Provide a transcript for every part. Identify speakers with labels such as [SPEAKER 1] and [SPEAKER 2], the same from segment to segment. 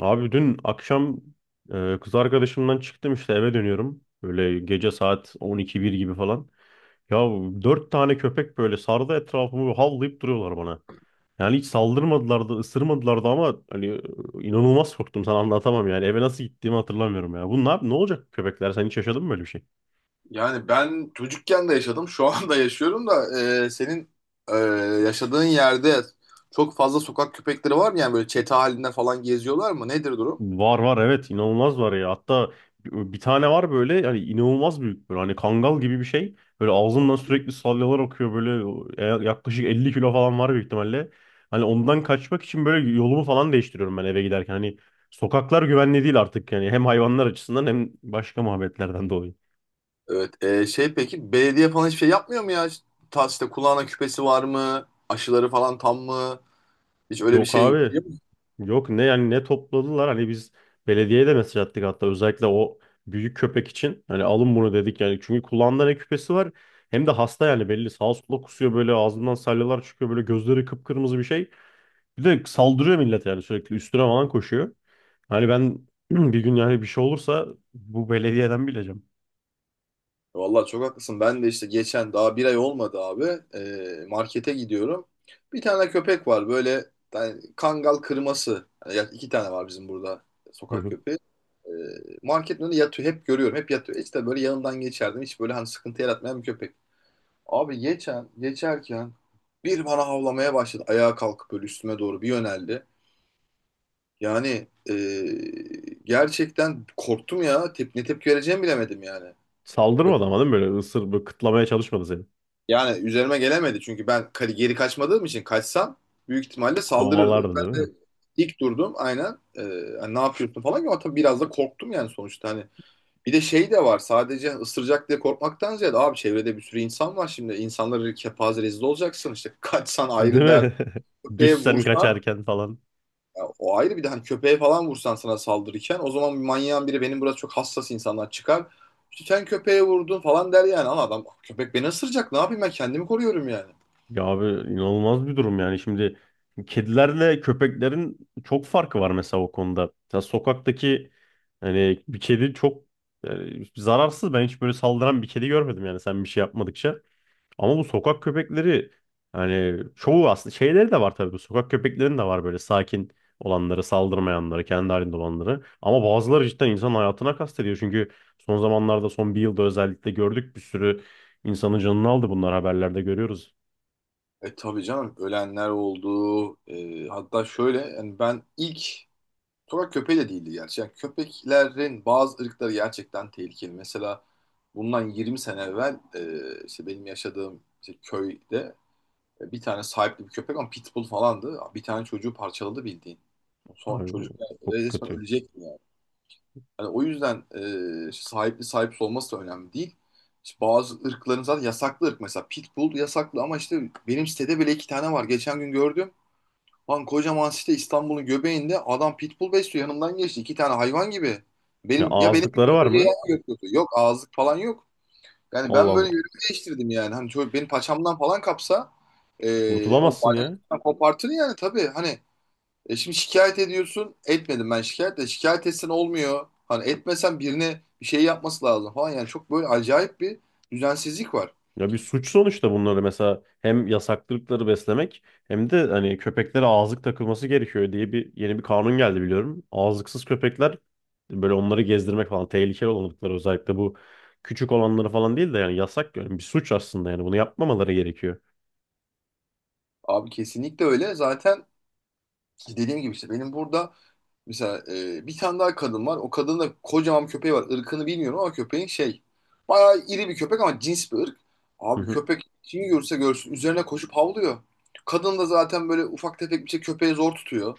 [SPEAKER 1] Abi dün akşam kız arkadaşımdan çıktım işte eve dönüyorum. Böyle gece saat 12-1 gibi falan. Ya dört tane köpek böyle sardı etrafımı havlayıp duruyorlar bana. Yani hiç saldırmadılar da ısırmadılar da ama hani inanılmaz korktum sana anlatamam yani. Eve nasıl gittiğimi hatırlamıyorum ya. Bu ne, ne olacak köpekler? Sen hiç yaşadın mı böyle bir şey?
[SPEAKER 2] Yani ben çocukken de yaşadım, şu anda yaşıyorum da senin e, yaşadığın yerde çok fazla sokak köpekleri var mı? Yani böyle çete halinde falan geziyorlar mı? Nedir durum?
[SPEAKER 1] Var var, evet, inanılmaz var ya. Hatta bir tane var böyle, yani inanılmaz büyük, böyle hani kangal gibi bir şey. Böyle ağzından sürekli salyalar akıyor böyle, yaklaşık 50 kilo falan var büyük ihtimalle. Hani ondan kaçmak için böyle yolumu falan değiştiriyorum ben eve giderken. Hani sokaklar güvenli değil artık yani, hem hayvanlar açısından hem başka muhabbetlerden dolayı.
[SPEAKER 2] Evet, şey peki belediye falan hiçbir şey yapmıyor mu ya? Ta işte kulağına küpesi var mı? Aşıları falan tam mı? Hiç öyle bir
[SPEAKER 1] Yok
[SPEAKER 2] şey
[SPEAKER 1] abi.
[SPEAKER 2] biliyor musun?
[SPEAKER 1] Yok, ne yani, ne topladılar, hani biz belediyeye de mesaj attık, hatta özellikle o büyük köpek için hani alın bunu dedik yani, çünkü kulağında ne küpesi var, hem de hasta yani, belli, sağa sola kusuyor, böyle ağzından salyalar çıkıyor, böyle gözleri kıpkırmızı bir şey, bir de saldırıyor millet yani, sürekli üstüne falan koşuyor. Hani ben bir gün yani bir şey olursa bu belediyeden bileceğim.
[SPEAKER 2] Vallahi çok haklısın. Ben de işte geçen daha bir ay olmadı abi. Markete gidiyorum. Bir tane köpek var böyle yani kangal kırması. Yani iki tane var bizim burada
[SPEAKER 1] Hı
[SPEAKER 2] sokak
[SPEAKER 1] hı.
[SPEAKER 2] köpeği. E, Marketin önünde yatıyor. Hep görüyorum. Hep yatıyor. İşte böyle yanından geçerdim. Hiç böyle hani sıkıntı yaratmayan bir köpek. Abi geçen, geçerken bir bana havlamaya başladı. Ayağa kalkıp böyle üstüme doğru bir yöneldi. Yani gerçekten korktum ya. Ne tepki vereceğimi bilemedim yani.
[SPEAKER 1] Saldırmadı
[SPEAKER 2] Köpek-
[SPEAKER 1] ama değil mi, böyle ısır, böyle kıtlamaya çalışmadı seni,
[SPEAKER 2] Yani üzerime gelemedi çünkü ben geri kaçmadığım için, kaçsam büyük ihtimalle saldırırdı.
[SPEAKER 1] kovalardı değil
[SPEAKER 2] Ben de
[SPEAKER 1] mi?
[SPEAKER 2] dik durdum aynen. Hani ne yapıyorsun falan, ama tabii biraz da korktum yani, sonuçta hani bir de şey de var: sadece ısıracak diye korkmaktan ziyade abi, çevrede bir sürü insan var şimdi, insanları kepaze rezil olacaksın, işte kaçsan
[SPEAKER 1] Değil
[SPEAKER 2] ayrı dert,
[SPEAKER 1] mi?
[SPEAKER 2] köpeğe
[SPEAKER 1] Düşsen
[SPEAKER 2] vursan
[SPEAKER 1] kaçarken falan.
[SPEAKER 2] ya o ayrı. Bir de hani köpeğe falan vursan sana saldırırken, o zaman bir manyağın biri, benim burası çok hassas, insanlar çıkar işte, sen köpeğe vurdun falan der yani. Ama adam, köpek beni ısıracak, ne yapayım, ben kendimi koruyorum yani.
[SPEAKER 1] Ya abi, inanılmaz bir durum yani. Şimdi kedilerle köpeklerin çok farkı var mesela o konuda. Mesela sokaktaki, hani bir kedi çok yani zararsız. Ben hiç böyle saldıran bir kedi görmedim yani, sen bir şey yapmadıkça. Ama bu sokak köpekleri, hani çoğu aslında şeyleri de var tabii. Bu sokak köpeklerin de var böyle sakin olanları, saldırmayanları, kendi halinde olanları. Ama bazıları cidden insan hayatına kastediyor. Çünkü son zamanlarda, son bir yılda özellikle gördük, bir sürü insanın canını aldı bunlar, haberlerde görüyoruz.
[SPEAKER 2] E tabii canım, ölenler oldu. Hatta şöyle, yani ben ilk sokak köpeği de değildi gerçi. Yani köpeklerin bazı ırkları gerçekten tehlikeli. Mesela bundan 20 sene evvel işte benim yaşadığım işte köyde, bir tane sahipli bir köpek ama pitbull falandı. Bir tane çocuğu parçaladı bildiğin. Son
[SPEAKER 1] Abi
[SPEAKER 2] çocuk yani
[SPEAKER 1] çok
[SPEAKER 2] resmen
[SPEAKER 1] kötü.
[SPEAKER 2] ölecek. Yani. Hani o yüzden işte sahipli sahipsiz olması da önemli değil. İşte bazı ırkların, zaten yasaklı ırk mesela pitbull yasaklı, ama işte benim sitede bile iki tane var. Geçen gün gördüm. Lan kocaman site, İstanbul'un göbeğinde, adam pitbull besliyor. Yanımdan geçti. İki tane hayvan gibi.
[SPEAKER 1] Ya
[SPEAKER 2] Benim ya benim gibi,
[SPEAKER 1] ağızlıkları
[SPEAKER 2] yoksa
[SPEAKER 1] var mı?
[SPEAKER 2] yayan götürdü. Yok ağızlık falan yok. Yani
[SPEAKER 1] Allah
[SPEAKER 2] ben böyle
[SPEAKER 1] Allah.
[SPEAKER 2] yönümü değiştirdim yani. Hani çocuk beni paçamdan falan kapsa, o
[SPEAKER 1] Kurtulamazsın ya.
[SPEAKER 2] bacaktan kopartır yani tabii. Hani şimdi şikayet ediyorsun. Etmedim ben şikayet de. Şikayet etsen olmuyor. Hani etmesen, birine bir şey yapması lazım falan. Yani çok böyle acayip bir düzensizlik var.
[SPEAKER 1] Ya bir suç sonuçta bunları, mesela hem yasaklı beslemek, hem de hani köpeklere ağızlık takılması gerekiyor diye bir yeni bir kanun geldi biliyorum. Ağızlıksız köpekler, böyle onları gezdirmek falan, tehlikeli olanlıkları özellikle, bu küçük olanları falan değil de, yani yasak, yani bir suç aslında, yani bunu yapmamaları gerekiyor.
[SPEAKER 2] Abi kesinlikle öyle. Zaten dediğim gibi işte benim burada mesela bir tane daha kadın var. O kadının da kocaman bir köpeği var. Irkını bilmiyorum ama köpeğin şey. Bayağı iri bir köpek, ama cins bir ırk.
[SPEAKER 1] Hı
[SPEAKER 2] Abi
[SPEAKER 1] hı.
[SPEAKER 2] köpek kimi görse, görsün üzerine koşup havlıyor. Kadın da zaten böyle ufak tefek bir şey, köpeği zor tutuyor.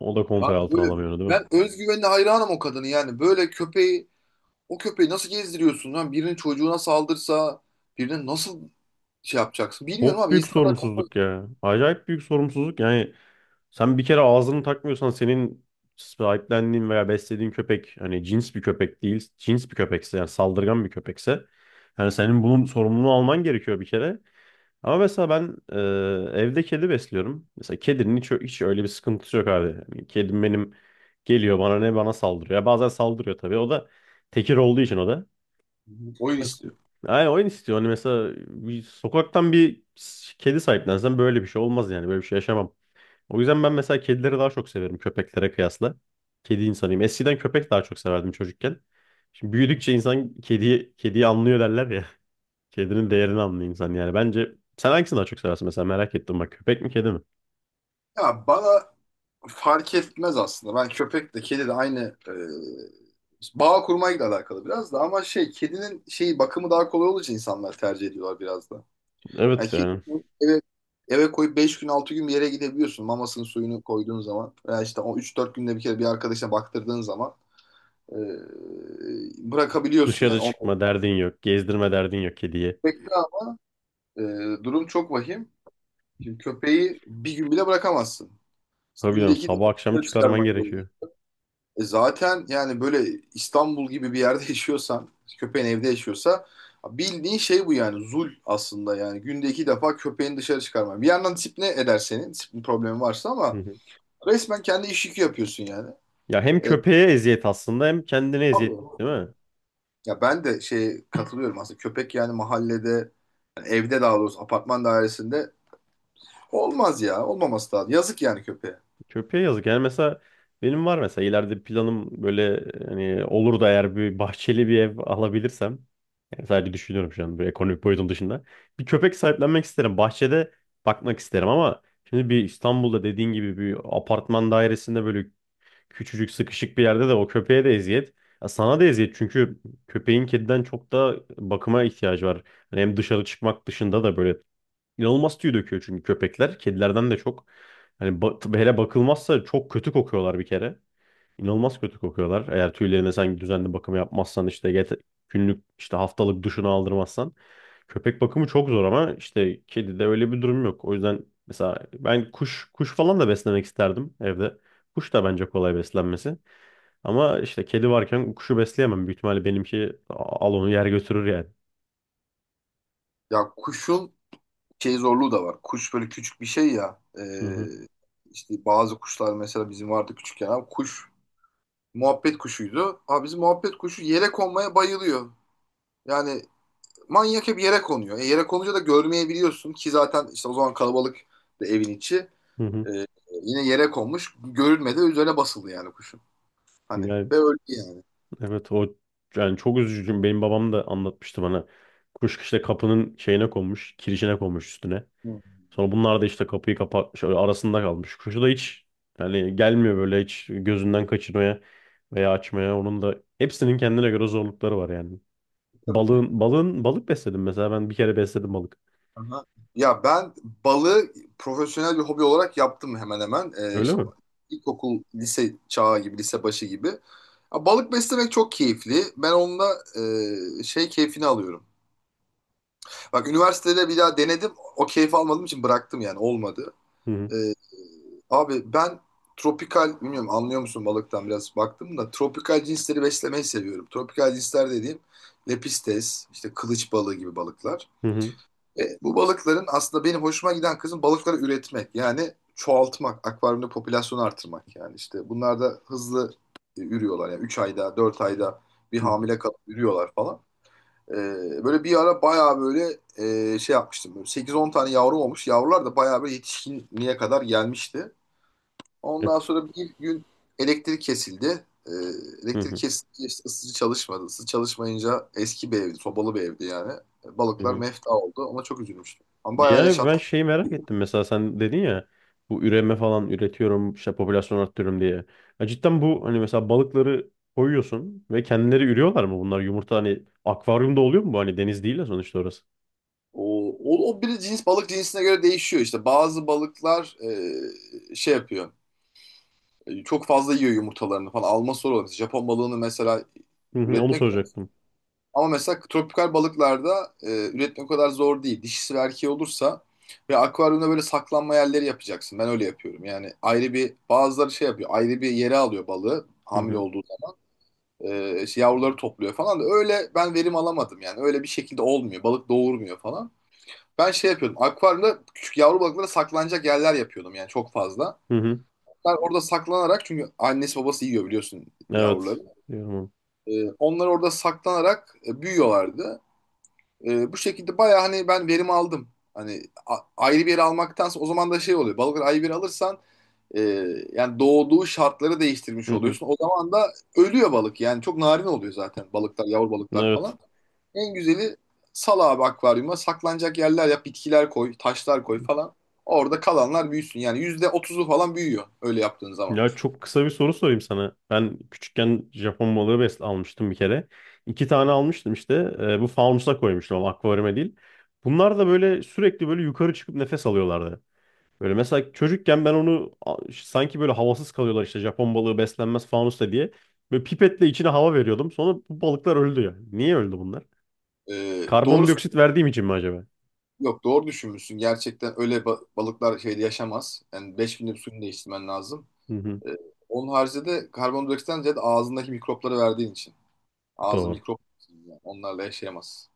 [SPEAKER 1] O da kontrol
[SPEAKER 2] Yani
[SPEAKER 1] altına
[SPEAKER 2] böyle
[SPEAKER 1] alamıyor değil mi?
[SPEAKER 2] ben özgüvenine hayranım o kadını yani. Böyle köpeği, o köpeği nasıl gezdiriyorsun lan? Birinin çocuğuna saldırsa, birine nasıl şey yapacaksın? Bilmiyorum
[SPEAKER 1] Çok
[SPEAKER 2] abi,
[SPEAKER 1] büyük
[SPEAKER 2] insanlar kafa.
[SPEAKER 1] sorumsuzluk ya. Acayip büyük sorumsuzluk. Yani sen bir kere ağzını takmıyorsan, senin sahiplendiğin veya beslediğin köpek hani cins bir köpek değil, cins bir köpekse yani, saldırgan bir köpekse, yani senin bunun sorumluluğunu alman gerekiyor bir kere. Ama mesela ben evde kedi besliyorum. Mesela kedinin hiç, hiç öyle bir sıkıntısı yok abi. Yani kedim benim geliyor bana, ne bana saldırıyor. Ya bazen saldırıyor tabii. O da tekir olduğu için o da.
[SPEAKER 2] Oyun istiyor.
[SPEAKER 1] Yani oyun istiyor. Hani mesela bir sokaktan bir kedi sahiplensen böyle bir şey olmaz yani. Böyle bir şey yaşamam. O yüzden ben mesela kedileri daha çok severim köpeklere kıyasla. Kedi insanıyım. Eskiden köpek daha çok severdim çocukken. Şimdi
[SPEAKER 2] Hı
[SPEAKER 1] büyüdükçe insan kediyi anlıyor derler ya. Kedinin
[SPEAKER 2] hı.
[SPEAKER 1] değerini anlıyor insan yani. Bence sen hangisini daha çok seversin mesela, merak ettim bak. Köpek mi, kedi mi?
[SPEAKER 2] Ya bana fark etmez aslında. Ben köpek de kedi de aynı, e, bağ kurmayla alakalı biraz da. Ama şey, kedinin şeyi, bakımı daha kolay olduğu insanlar tercih ediyorlar biraz da. Yani
[SPEAKER 1] Evet
[SPEAKER 2] kedi
[SPEAKER 1] yani.
[SPEAKER 2] eve, eve koyup 5 gün 6 gün bir yere gidebiliyorsun, mamasının suyunu koyduğun zaman veya işte o üç dört günde bir kere bir arkadaşına baktırdığın zaman e, bırakabiliyorsun
[SPEAKER 1] Dışarı
[SPEAKER 2] yani.
[SPEAKER 1] çıkma derdin yok. Gezdirme derdin yok kediye.
[SPEAKER 2] Köpekte ama, durum çok vahim. Şimdi köpeği bir gün bile bırakamazsın.
[SPEAKER 1] Tabii
[SPEAKER 2] Günde
[SPEAKER 1] canım,
[SPEAKER 2] iki defa
[SPEAKER 1] sabah akşam
[SPEAKER 2] dışarı
[SPEAKER 1] çıkarman
[SPEAKER 2] çıkarman gerekiyor.
[SPEAKER 1] gerekiyor.
[SPEAKER 2] E zaten yani böyle İstanbul gibi bir yerde yaşıyorsan, köpeğin evde yaşıyorsa bildiğin şey bu yani, zul aslında yani. Günde iki defa köpeğini dışarı çıkarman. Bir yandan disipline eder senin, disiplin problemi varsa,
[SPEAKER 1] Hı
[SPEAKER 2] ama
[SPEAKER 1] hı.
[SPEAKER 2] resmen kendi iş yükü yapıyorsun yani.
[SPEAKER 1] Ya hem
[SPEAKER 2] E,
[SPEAKER 1] köpeğe eziyet aslında, hem kendine eziyet
[SPEAKER 2] tabii.
[SPEAKER 1] değil mi?
[SPEAKER 2] Ya ben de şey katılıyorum aslında. Köpek yani mahallede, yani evde daha doğrusu, apartman dairesinde olmaz ya. Olmaması lazım. Yazık yani köpeğe.
[SPEAKER 1] Köpeğe yazık. Yani mesela benim var mesela ileride planım, böyle hani olur da eğer bir bahçeli bir ev alabilirsem, yani sadece düşünüyorum şu an, böyle ekonomik boyutun dışında. Bir köpek sahiplenmek isterim. Bahçede bakmak isterim. Ama şimdi bir İstanbul'da dediğin gibi bir apartman dairesinde, böyle küçücük sıkışık bir yerde, de o köpeğe de eziyet. Ya sana da eziyet, çünkü köpeğin kediden çok da bakıma ihtiyacı var. Hani hem dışarı çıkmak dışında da böyle İnanılmaz tüy döküyor çünkü köpekler. Kedilerden de çok. Hani hele bakılmazsa çok kötü kokuyorlar bir kere. İnanılmaz kötü kokuyorlar. Eğer tüylerine sen düzenli bakım yapmazsan, işte günlük işte haftalık duşunu aldırmazsan. Köpek bakımı çok zor, ama işte kedide öyle bir durum yok. O yüzden mesela ben kuş kuş falan da beslemek isterdim evde. Kuş da bence kolay beslenmesi. Ama işte kedi varken kuşu besleyemem. Büyük ihtimalle benimki al onu yer götürür yani.
[SPEAKER 2] Ya kuşun şey zorluğu da var. Kuş böyle küçük bir şey ya.
[SPEAKER 1] Hı hı.
[SPEAKER 2] İşte bazı kuşlar, mesela bizim vardı küçükken. Abi kuş muhabbet kuşuydu. Abi bizim muhabbet kuşu yere konmaya bayılıyor. Yani manyak, hep yere konuyor. E, yere konunca da görmeyebiliyorsun ki, zaten işte o zaman kalabalık da evin içi.
[SPEAKER 1] Hı hı.
[SPEAKER 2] Ee, Yine yere konmuş. Görülmedi. Üzerine basıldı yani kuşun. Hani
[SPEAKER 1] Yani
[SPEAKER 2] ve öldü yani.
[SPEAKER 1] evet, o yani çok üzücü. Benim babam da anlatmıştı bana. Kuş işte kapının şeyine konmuş, kirişine konmuş üstüne. Sonra bunlar da işte kapıyı kapatmış, öyle arasında kalmış. Kuşu da hiç yani gelmiyor böyle hiç gözünden kaçırmaya veya açmaya. Onun da hepsinin kendine göre zorlukları var yani.
[SPEAKER 2] Hı.
[SPEAKER 1] Balık besledim mesela. Ben bir kere besledim balık.
[SPEAKER 2] Aha. Ya ben balığı profesyonel bir hobi olarak yaptım hemen hemen.
[SPEAKER 1] Öyle
[SPEAKER 2] İşte
[SPEAKER 1] mi?
[SPEAKER 2] ilkokul, lise çağı gibi, lise başı gibi. Ya balık beslemek çok keyifli. Ben onunla şey keyfini alıyorum. Bak üniversitede bir daha denedim. O keyfi almadığım için bıraktım yani, olmadı.
[SPEAKER 1] Hı hı,
[SPEAKER 2] Ee, Abi ben tropikal, bilmiyorum anlıyor musun balıktan biraz, baktım da tropikal cinsleri beslemeyi seviyorum. Tropikal cinsler dediğim lepistes, işte kılıç balığı gibi balıklar.
[SPEAKER 1] hı hı,
[SPEAKER 2] Bu balıkların aslında benim hoşuma giden kısım, balıkları üretmek. Yani çoğaltmak, akvaryumda popülasyonu artırmak yani işte. Bunlar da hızlı ürüyorlar yani, 3 ayda, 4 ayda bir
[SPEAKER 1] hı hı.
[SPEAKER 2] hamile kalıp ürüyorlar falan. E, Böyle bir ara bayağı böyle şey yapmıştım. Böyle 8-10 tane yavru olmuş. Yavrular da bayağı böyle yetişkinliğe kadar gelmişti.
[SPEAKER 1] E,
[SPEAKER 2] Ondan sonra ilk gün elektrik kesildi.
[SPEAKER 1] hı
[SPEAKER 2] Elektrik
[SPEAKER 1] hı,
[SPEAKER 2] kesildi, işte ısıtıcı çalışmadı. Isıtıcı çalışmayınca, eski bir evdi, sobalı bir evdi yani.
[SPEAKER 1] hı
[SPEAKER 2] Balıklar
[SPEAKER 1] hı.
[SPEAKER 2] mefta oldu. Ona çok üzülmüştüm. Ama bayağı
[SPEAKER 1] Yani
[SPEAKER 2] yaşattı.
[SPEAKER 1] ben şeyi merak ettim, mesela sen dedin ya, bu üreme falan üretiyorum işte, popülasyon arttırıyorum diye. Ya cidden bu hani mesela balıkları koyuyorsun ve kendileri ürüyorlar mı bunlar, yumurta hani akvaryumda oluyor mu bu, hani deniz değil ya sonuçta orası.
[SPEAKER 2] O bir cins, balık cinsine göre değişiyor işte. Bazı balıklar şey yapıyor. Çok fazla yiyor yumurtalarını falan. Alma sorunu. Japon balığını mesela
[SPEAKER 1] Hı hı, onu
[SPEAKER 2] üretmek.
[SPEAKER 1] soracaktım.
[SPEAKER 2] Ama mesela tropikal balıklarda üretmek o kadar zor değil. Dişisi ve erkeği olursa ve akvaryumda böyle saklanma yerleri yapacaksın. Ben öyle yapıyorum. Yani ayrı bir, bazıları şey yapıyor. Ayrı bir yere alıyor balığı
[SPEAKER 1] Hı
[SPEAKER 2] hamile
[SPEAKER 1] hı.
[SPEAKER 2] olduğu zaman. İşte yavruları topluyor falan da, öyle ben verim alamadım yani. Öyle bir şekilde olmuyor. Balık doğurmuyor falan. Ben şey yapıyordum. Akvaryumda küçük yavru balıklara saklanacak yerler yapıyordum, yani çok fazla.
[SPEAKER 1] Hı hı.
[SPEAKER 2] Onlar orada saklanarak, çünkü annesi babası yiyor biliyorsun yavruları.
[SPEAKER 1] Evet. Diyorum.
[SPEAKER 2] E, onlar orada saklanarak büyüyorlardı. Bu şekilde bayağı hani ben verim aldım. Hani ayrı bir yere almaktansa, o zaman da şey oluyor. Balıkları ayrı bir yere alırsan, e, yani doğduğu şartları değiştirmiş
[SPEAKER 1] Hı hı.
[SPEAKER 2] oluyorsun. O zaman da ölüyor balık. Yani çok narin oluyor zaten balıklar, yavru balıklar
[SPEAKER 1] Evet.
[SPEAKER 2] falan. En güzeli, sal abi akvaryuma saklanacak yerler yap, bitkiler koy, taşlar koy falan. Orada kalanlar büyüsün. Yani %30'u falan büyüyor öyle yaptığın zaman.
[SPEAKER 1] Ya çok kısa bir soru sorayım sana. Ben küçükken Japon balığı besle almıştım bir kere. 2 tane almıştım işte. Bu fanusa koymuştum ama, akvaryuma değil. Bunlar da böyle sürekli böyle yukarı çıkıp nefes alıyorlardı. Böyle mesela çocukken ben onu sanki böyle havasız kalıyorlar, işte Japon balığı beslenmez fanusta diye. Böyle pipetle içine hava veriyordum. Sonra bu balıklar öldü ya. Niye öldü bunlar?
[SPEAKER 2] E, doğru,
[SPEAKER 1] Karbondioksit verdiğim için mi acaba?
[SPEAKER 2] yok doğru düşünmüşsün. Gerçekten öyle, balıklar şeyde yaşamaz. Yani 5000 suyunu değiştirmen lazım.
[SPEAKER 1] Hı hı,
[SPEAKER 2] Ee, Onun haricinde de karbondioksitten ziyade ağzındaki mikropları verdiğin için. Ağzı
[SPEAKER 1] doğru.
[SPEAKER 2] mikrop, yani onlarla yaşayamaz.